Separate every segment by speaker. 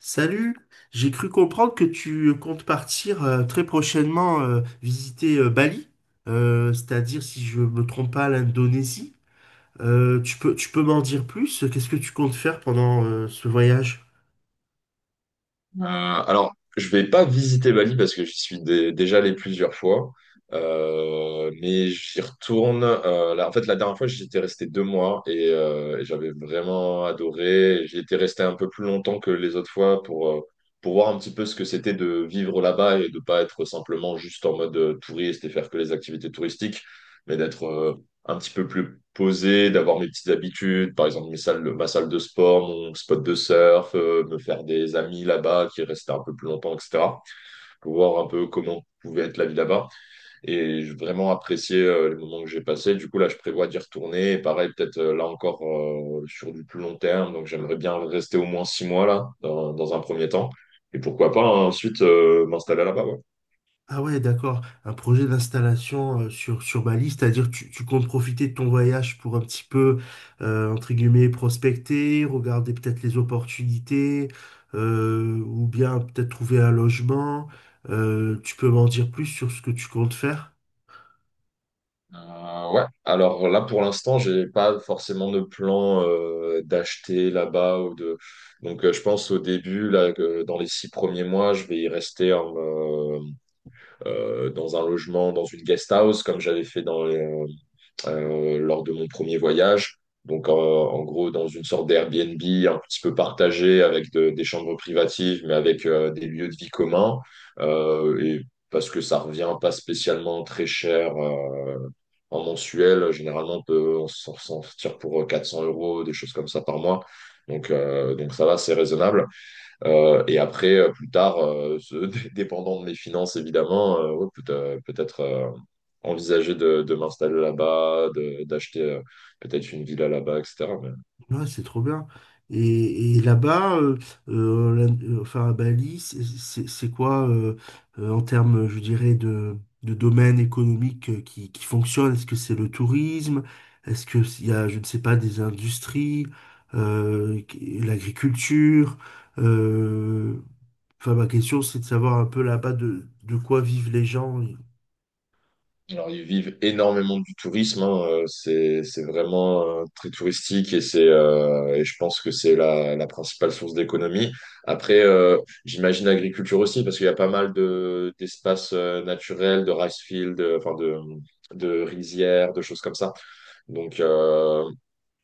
Speaker 1: Salut, j'ai cru comprendre que tu comptes partir très prochainement visiter Bali, c'est-à-dire si je me trompe pas l'Indonésie. Tu peux m'en dire plus? Qu'est-ce que tu comptes faire pendant ce voyage?
Speaker 2: Alors, je vais pas visiter Bali parce que j'y suis déjà allé plusieurs fois. Mais j'y retourne. Là, en fait, la dernière fois, j'y étais resté 2 mois et j'avais vraiment adoré. J'y étais resté un peu plus longtemps que les autres fois pour voir un petit peu ce que c'était de vivre là-bas et de pas être simplement juste en mode touriste et faire que les activités touristiques, mais d'être un petit peu plus posé, d'avoir mes petites habitudes, par exemple mes salles, ma salle de sport, mon spot de surf, me faire des amis là-bas qui restaient un peu plus longtemps, etc. Pour voir un peu comment pouvait être la vie là-bas. Et j'ai vraiment apprécié les moments que j'ai passés. Du coup, là, je prévois d'y retourner. Et pareil, peut-être là encore, sur du plus long terme. Donc, j'aimerais bien rester au moins 6 mois là, dans un premier temps. Et pourquoi pas, hein, ensuite m'installer là-bas. Ouais.
Speaker 1: Ah ouais, d'accord. Un projet d'installation sur Bali, c'est-à-dire tu comptes profiter de ton voyage pour un petit peu, entre guillemets, prospecter, regarder peut-être les opportunités, ou bien peut-être trouver un logement. Tu peux m'en dire plus sur ce que tu comptes faire?
Speaker 2: Ouais, alors là pour l'instant, j'ai pas forcément de plan d'acheter là-bas ou de. Donc, je pense au début là que dans les 6 premiers mois, je vais y rester dans un logement, dans une guest house comme j'avais fait lors de mon premier voyage. Donc, en gros, dans une sorte d'Airbnb un petit peu partagé avec des chambres privatives, mais avec des lieux de vie communs. Et parce que ça revient pas spécialement très cher en mensuel. Généralement, on peut on s'en s'en sortir pour 400 euros, des choses comme ça par mois. Donc ça va, c'est raisonnable. Et après, plus tard, dépendant de mes finances, évidemment, ouais, peut-être envisager de m'installer là-bas, d'acheter peut-être une villa là-bas, etc. Mais-
Speaker 1: Ouais, c'est trop bien. Et là-bas, enfin à Bali, c'est quoi en termes, je dirais, de domaine économique qui fonctionne? Est-ce que c'est le tourisme? Est-ce que s'il y a, je ne sais pas, des industries, l'agriculture? Euh, enfin, ma question, c'est de savoir un peu là-bas de quoi vivent les gens.
Speaker 2: Alors, ils vivent énormément du tourisme, hein. C'est vraiment très touristique, et je pense que c'est la principale source d'économie. Après, j'imagine l'agriculture aussi, parce qu'il y a pas mal d'espaces naturels, de rice fields, enfin de rizières, de choses comme ça. Donc, euh,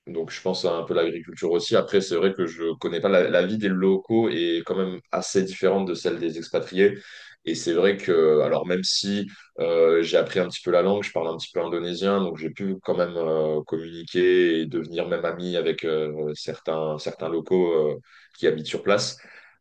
Speaker 2: Donc, je pense à un peu l'agriculture aussi. Après, c'est vrai que je connais pas la vie des locaux est quand même assez différente de celle des expatriés. Et c'est vrai que, alors même si j'ai appris un petit peu la langue, je parle un petit peu indonésien, donc j'ai pu quand même communiquer et devenir même ami avec certains locaux qui habitent sur place.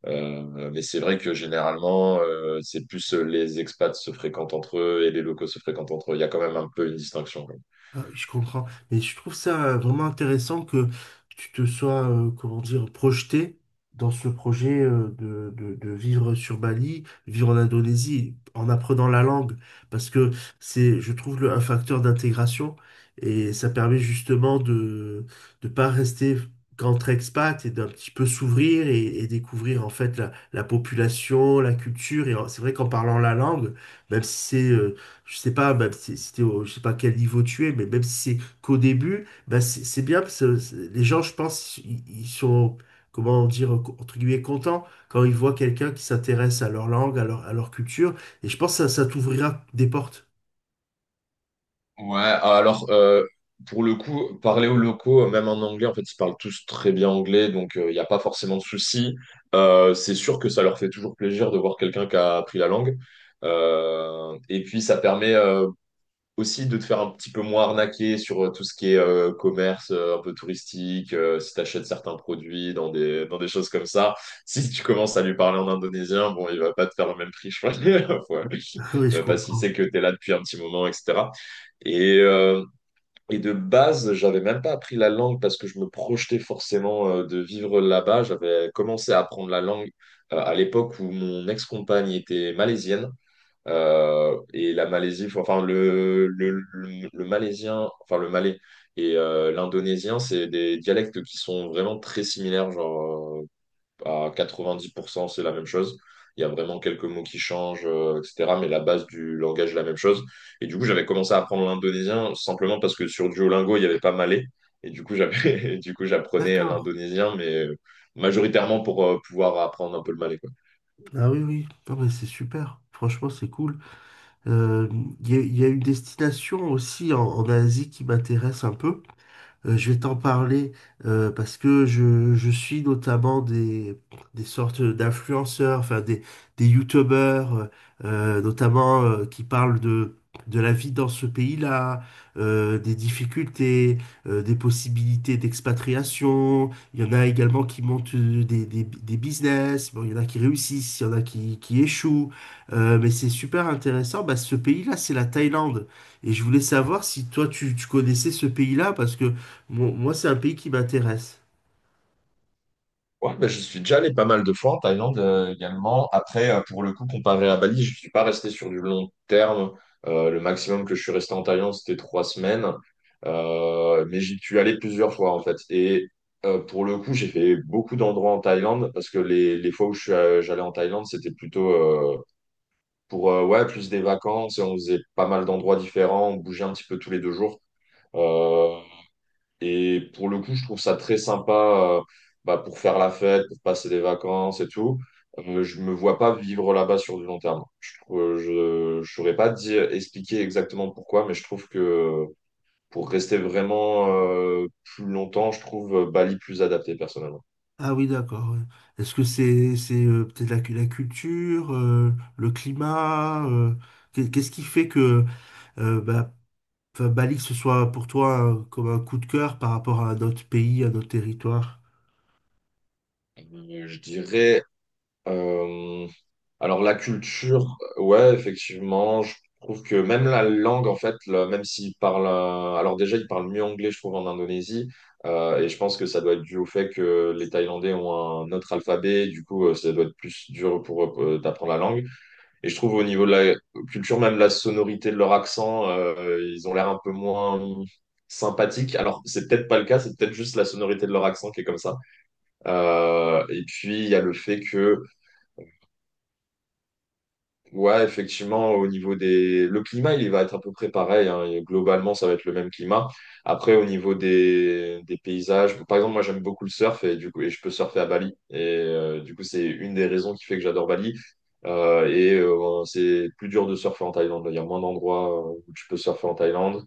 Speaker 2: Euh, mais c'est vrai que généralement, c'est plus les expats se fréquentent entre eux et les locaux se fréquentent entre eux. Il y a quand même un peu une distinction.
Speaker 1: Ah, oui, je comprends. Mais je trouve ça vraiment intéressant que tu te sois, comment dire, projeté dans ce projet de vivre sur Bali, vivre en Indonésie, en apprenant la langue, parce que c'est, je trouve, un facteur d'intégration et ça permet justement de ne pas rester qu'entre expat et d'un petit peu s'ouvrir et découvrir en fait la population, la culture. C'est vrai qu'en parlant la langue, même si c'est je sais pas, même si c'était au, je sais pas quel niveau tu es, mais même si c'est qu'au début, bah c'est bien parce que les gens, je pense, ils sont, comment dire, entre guillemets, contents quand ils voient quelqu'un qui s'intéresse à leur langue, à leur culture. Et je pense que ça t'ouvrira des portes.
Speaker 2: Ouais, alors pour le coup, parler aux locaux, même en anglais, en fait, ils parlent tous très bien anglais, donc il n'y a pas forcément de souci. C'est sûr que ça leur fait toujours plaisir de voir quelqu'un qui a appris la langue. Et puis ça permet, aussi de te faire un petit peu moins arnaquer sur tout ce qui est commerce, un peu touristique, si tu achètes certains produits dans des choses comme ça. Si tu commences à lui parler en indonésien, bon, il va pas te faire le même prix, je crois. Ouais.
Speaker 1: Ah oui, je
Speaker 2: Ouais, parce qu'il
Speaker 1: comprends.
Speaker 2: sait que tu es là depuis un petit moment, etc. Et, euh, et de base, j'avais même pas appris la langue parce que je me projetais forcément de vivre là-bas. J'avais commencé à apprendre la langue à l'époque où mon ex-compagne était malaisienne. Et la Malaisie, le malaisien, enfin le malais et l'indonésien, c'est des dialectes qui sont vraiment très similaires, genre à 90%, c'est la même chose. Il y a vraiment quelques mots qui changent, etc. Mais la base du langage est la même chose. Et du coup, j'avais commencé à apprendre l'indonésien simplement parce que sur Duolingo, il n'y avait pas malais. Et du coup, j'apprenais
Speaker 1: D'accord.
Speaker 2: l'indonésien, mais majoritairement pour pouvoir apprendre un peu le malais.
Speaker 1: Ah oui, oui. Non, mais c'est super. Franchement, c'est cool. Euh, Il y a une destination aussi en, en Asie qui m'intéresse un peu. Je vais t'en parler parce que je suis notamment des sortes d'influenceurs, enfin des youtubeurs, notamment qui parlent de la vie dans ce pays-là, des difficultés, des possibilités d'expatriation. Il y en a également qui montent des business, bon, il y en a qui réussissent, il y en a qui échouent. Mais c'est super intéressant. Bah, ce pays-là, c'est la Thaïlande. Et je voulais savoir si toi, tu connaissais ce pays-là parce que moi, c'est un pays qui m'intéresse.
Speaker 2: Ouais, bah, je suis déjà allé pas mal de fois en Thaïlande également. Après, pour le coup, comparé à Bali, je suis pas resté sur du long terme. Le maximum que je suis resté en Thaïlande, c'était 3 semaines. Mais j'y suis allé plusieurs fois, en fait. Pour le coup, j'ai fait beaucoup d'endroits en Thaïlande parce que les fois où j'allais en Thaïlande, c'était plutôt pour ouais, plus des vacances et on faisait pas mal d'endroits différents. On bougeait un petit peu tous les 2 jours. Euh, et pour le coup, je trouve ça très sympa, euh, bah, pour faire la fête, pour passer des vacances et tout. Je me vois pas vivre là-bas sur du long terme. Je ne je, je saurais pas dire, expliquer exactement pourquoi, mais je trouve que pour rester vraiment plus longtemps, je trouve Bali plus adapté personnellement.
Speaker 1: Ah oui, d'accord. Ouais. Est-ce que c'est peut-être la culture, le climat, qu'est-ce qui fait que euh, bah, enfin, Bali, que ce soit pour toi comme un coup de cœur par rapport à notre pays, à notre territoire?
Speaker 2: Je dirais, euh, alors la culture, ouais, effectivement, je trouve que même la langue, en fait, même s'ils parlent, alors déjà ils parlent mieux anglais, je trouve, en Indonésie, et je pense que ça doit être dû au fait que les Thaïlandais ont un autre alphabet, et du coup, ça doit être plus dur pour eux d'apprendre la langue. Et je trouve au niveau de la culture, même la sonorité de leur accent, ils ont l'air un peu moins sympathiques. Alors c'est peut-être pas le cas, c'est peut-être juste la sonorité de leur accent qui est comme ça. Et puis il y a le fait que... Ouais, effectivement, au niveau des... Le climat, il va être à peu près pareil, hein. Et globalement, ça va être le même climat. Après, au niveau des paysages, par exemple, moi, j'aime beaucoup le surf et je peux surfer à Bali. Du coup, c'est une des raisons qui fait que j'adore Bali. C'est plus dur de surfer en Thaïlande. Il y a moins d'endroits où tu peux surfer en Thaïlande.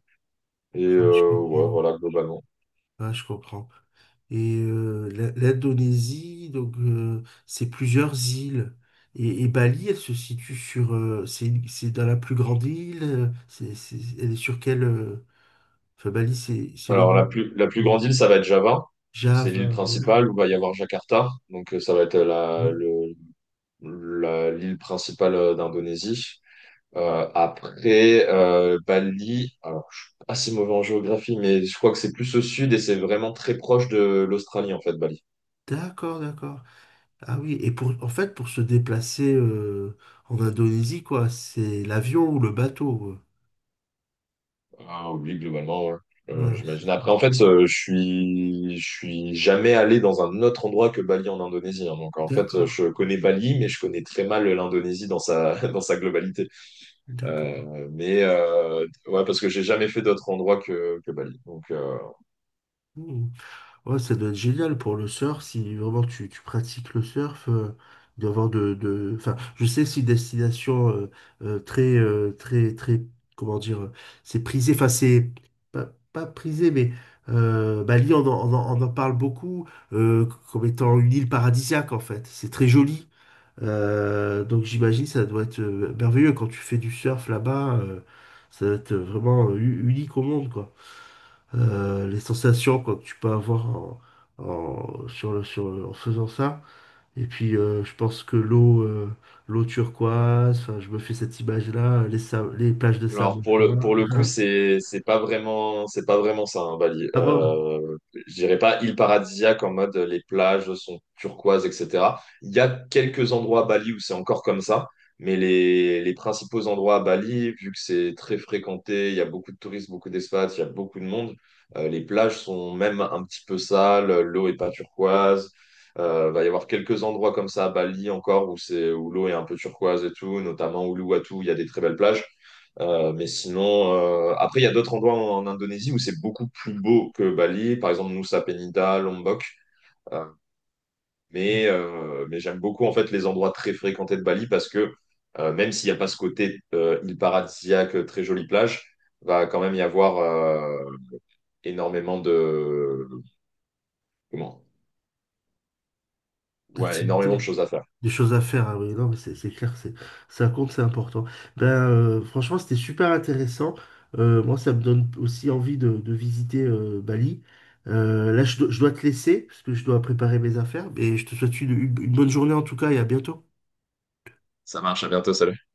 Speaker 1: Ah, je
Speaker 2: Ouais,
Speaker 1: comprends.
Speaker 2: voilà, globalement.
Speaker 1: Ah, je comprends. L'Indonésie, donc c'est plusieurs îles. Et Bali, elle se situe sur, c'est dans la plus grande île. Elle est sur quelle? Enfin, Bali, c'est le
Speaker 2: Alors,
Speaker 1: nom.
Speaker 2: la plus grande île, ça va être Java. C'est l'île
Speaker 1: Java, oui,
Speaker 2: principale où va y avoir Jakarta. Donc, ça va être
Speaker 1: oui.
Speaker 2: l'île principale d'Indonésie. Après, Bali, alors je suis assez mauvais en géographie, mais je crois que c'est plus au sud et c'est vraiment très proche de l'Australie, en fait, Bali.
Speaker 1: D'accord, d'accord. Ah oui, et pour, en fait, pour se déplacer en Indonésie, quoi, c'est l'avion ou le bateau.
Speaker 2: Ah oui, globalement, ouais.
Speaker 1: Voilà, c'est
Speaker 2: J'imagine.
Speaker 1: ça.
Speaker 2: Après, en fait, je suis jamais allé dans un autre endroit que Bali en Indonésie, hein. Donc, en fait,
Speaker 1: D'accord,
Speaker 2: je connais Bali, mais je connais très mal l'Indonésie dans sa globalité.
Speaker 1: d'accord.
Speaker 2: Euh, mais euh, ouais, parce que j'ai jamais fait d'autre endroit que Bali. Donc,
Speaker 1: Hmm. Ouais, ça doit être génial pour le surf si vraiment tu pratiques le surf. D'avoir de enfin je sais que c'est une destination très très très comment dire c'est prisé enfin c'est pas, pas prisé mais Bali on en parle beaucoup comme étant une île paradisiaque en fait c'est très joli. Donc j'imagine ça doit être merveilleux quand tu fais du surf là-bas ça doit être vraiment unique au monde quoi les sensations quoi, que tu peux avoir sur le en faisant ça. Et puis, je pense que l'eau turquoise, enfin, je me fais cette image-là, les plages de
Speaker 2: alors
Speaker 1: sable
Speaker 2: pour le
Speaker 1: fin.
Speaker 2: pour le coup, c'est pas vraiment ça, hein, Bali.
Speaker 1: Ah bon,
Speaker 2: Je dirais pas île paradisiaque en mode les plages sont turquoises, etc. Il y a quelques endroits à Bali où c'est encore comme ça, mais les principaux endroits à Bali, vu que c'est très fréquenté, il y a beaucoup de touristes, beaucoup d'expats, il y a beaucoup de monde. Les plages sont même un petit peu sales, l'eau est pas turquoise. Va y avoir quelques endroits comme ça à Bali encore où l'eau est un peu turquoise et tout, notamment Uluwatu, il y a des très belles plages. Mais sinon, après, il y a d'autres endroits en Indonésie où c'est beaucoup plus beau que Bali, par exemple Nusa Penida, Lombok. Euh, mais j'aime beaucoup en fait les endroits très fréquentés de Bali parce que même s'il n'y a pas ce côté île paradisiaque, très jolie plage, va quand même y avoir énormément de comment? Ouais, énormément de
Speaker 1: d'activité,
Speaker 2: choses à faire.
Speaker 1: des choses à faire. Ah oui, non, mais c'est clair, c'est ça compte, c'est important. Ben, franchement, c'était super intéressant. Moi, ça me donne aussi envie de visiter Bali. Là, je dois te laisser parce que je dois préparer mes affaires. Mais je te souhaite une bonne journée en tout cas et à bientôt.
Speaker 2: Ça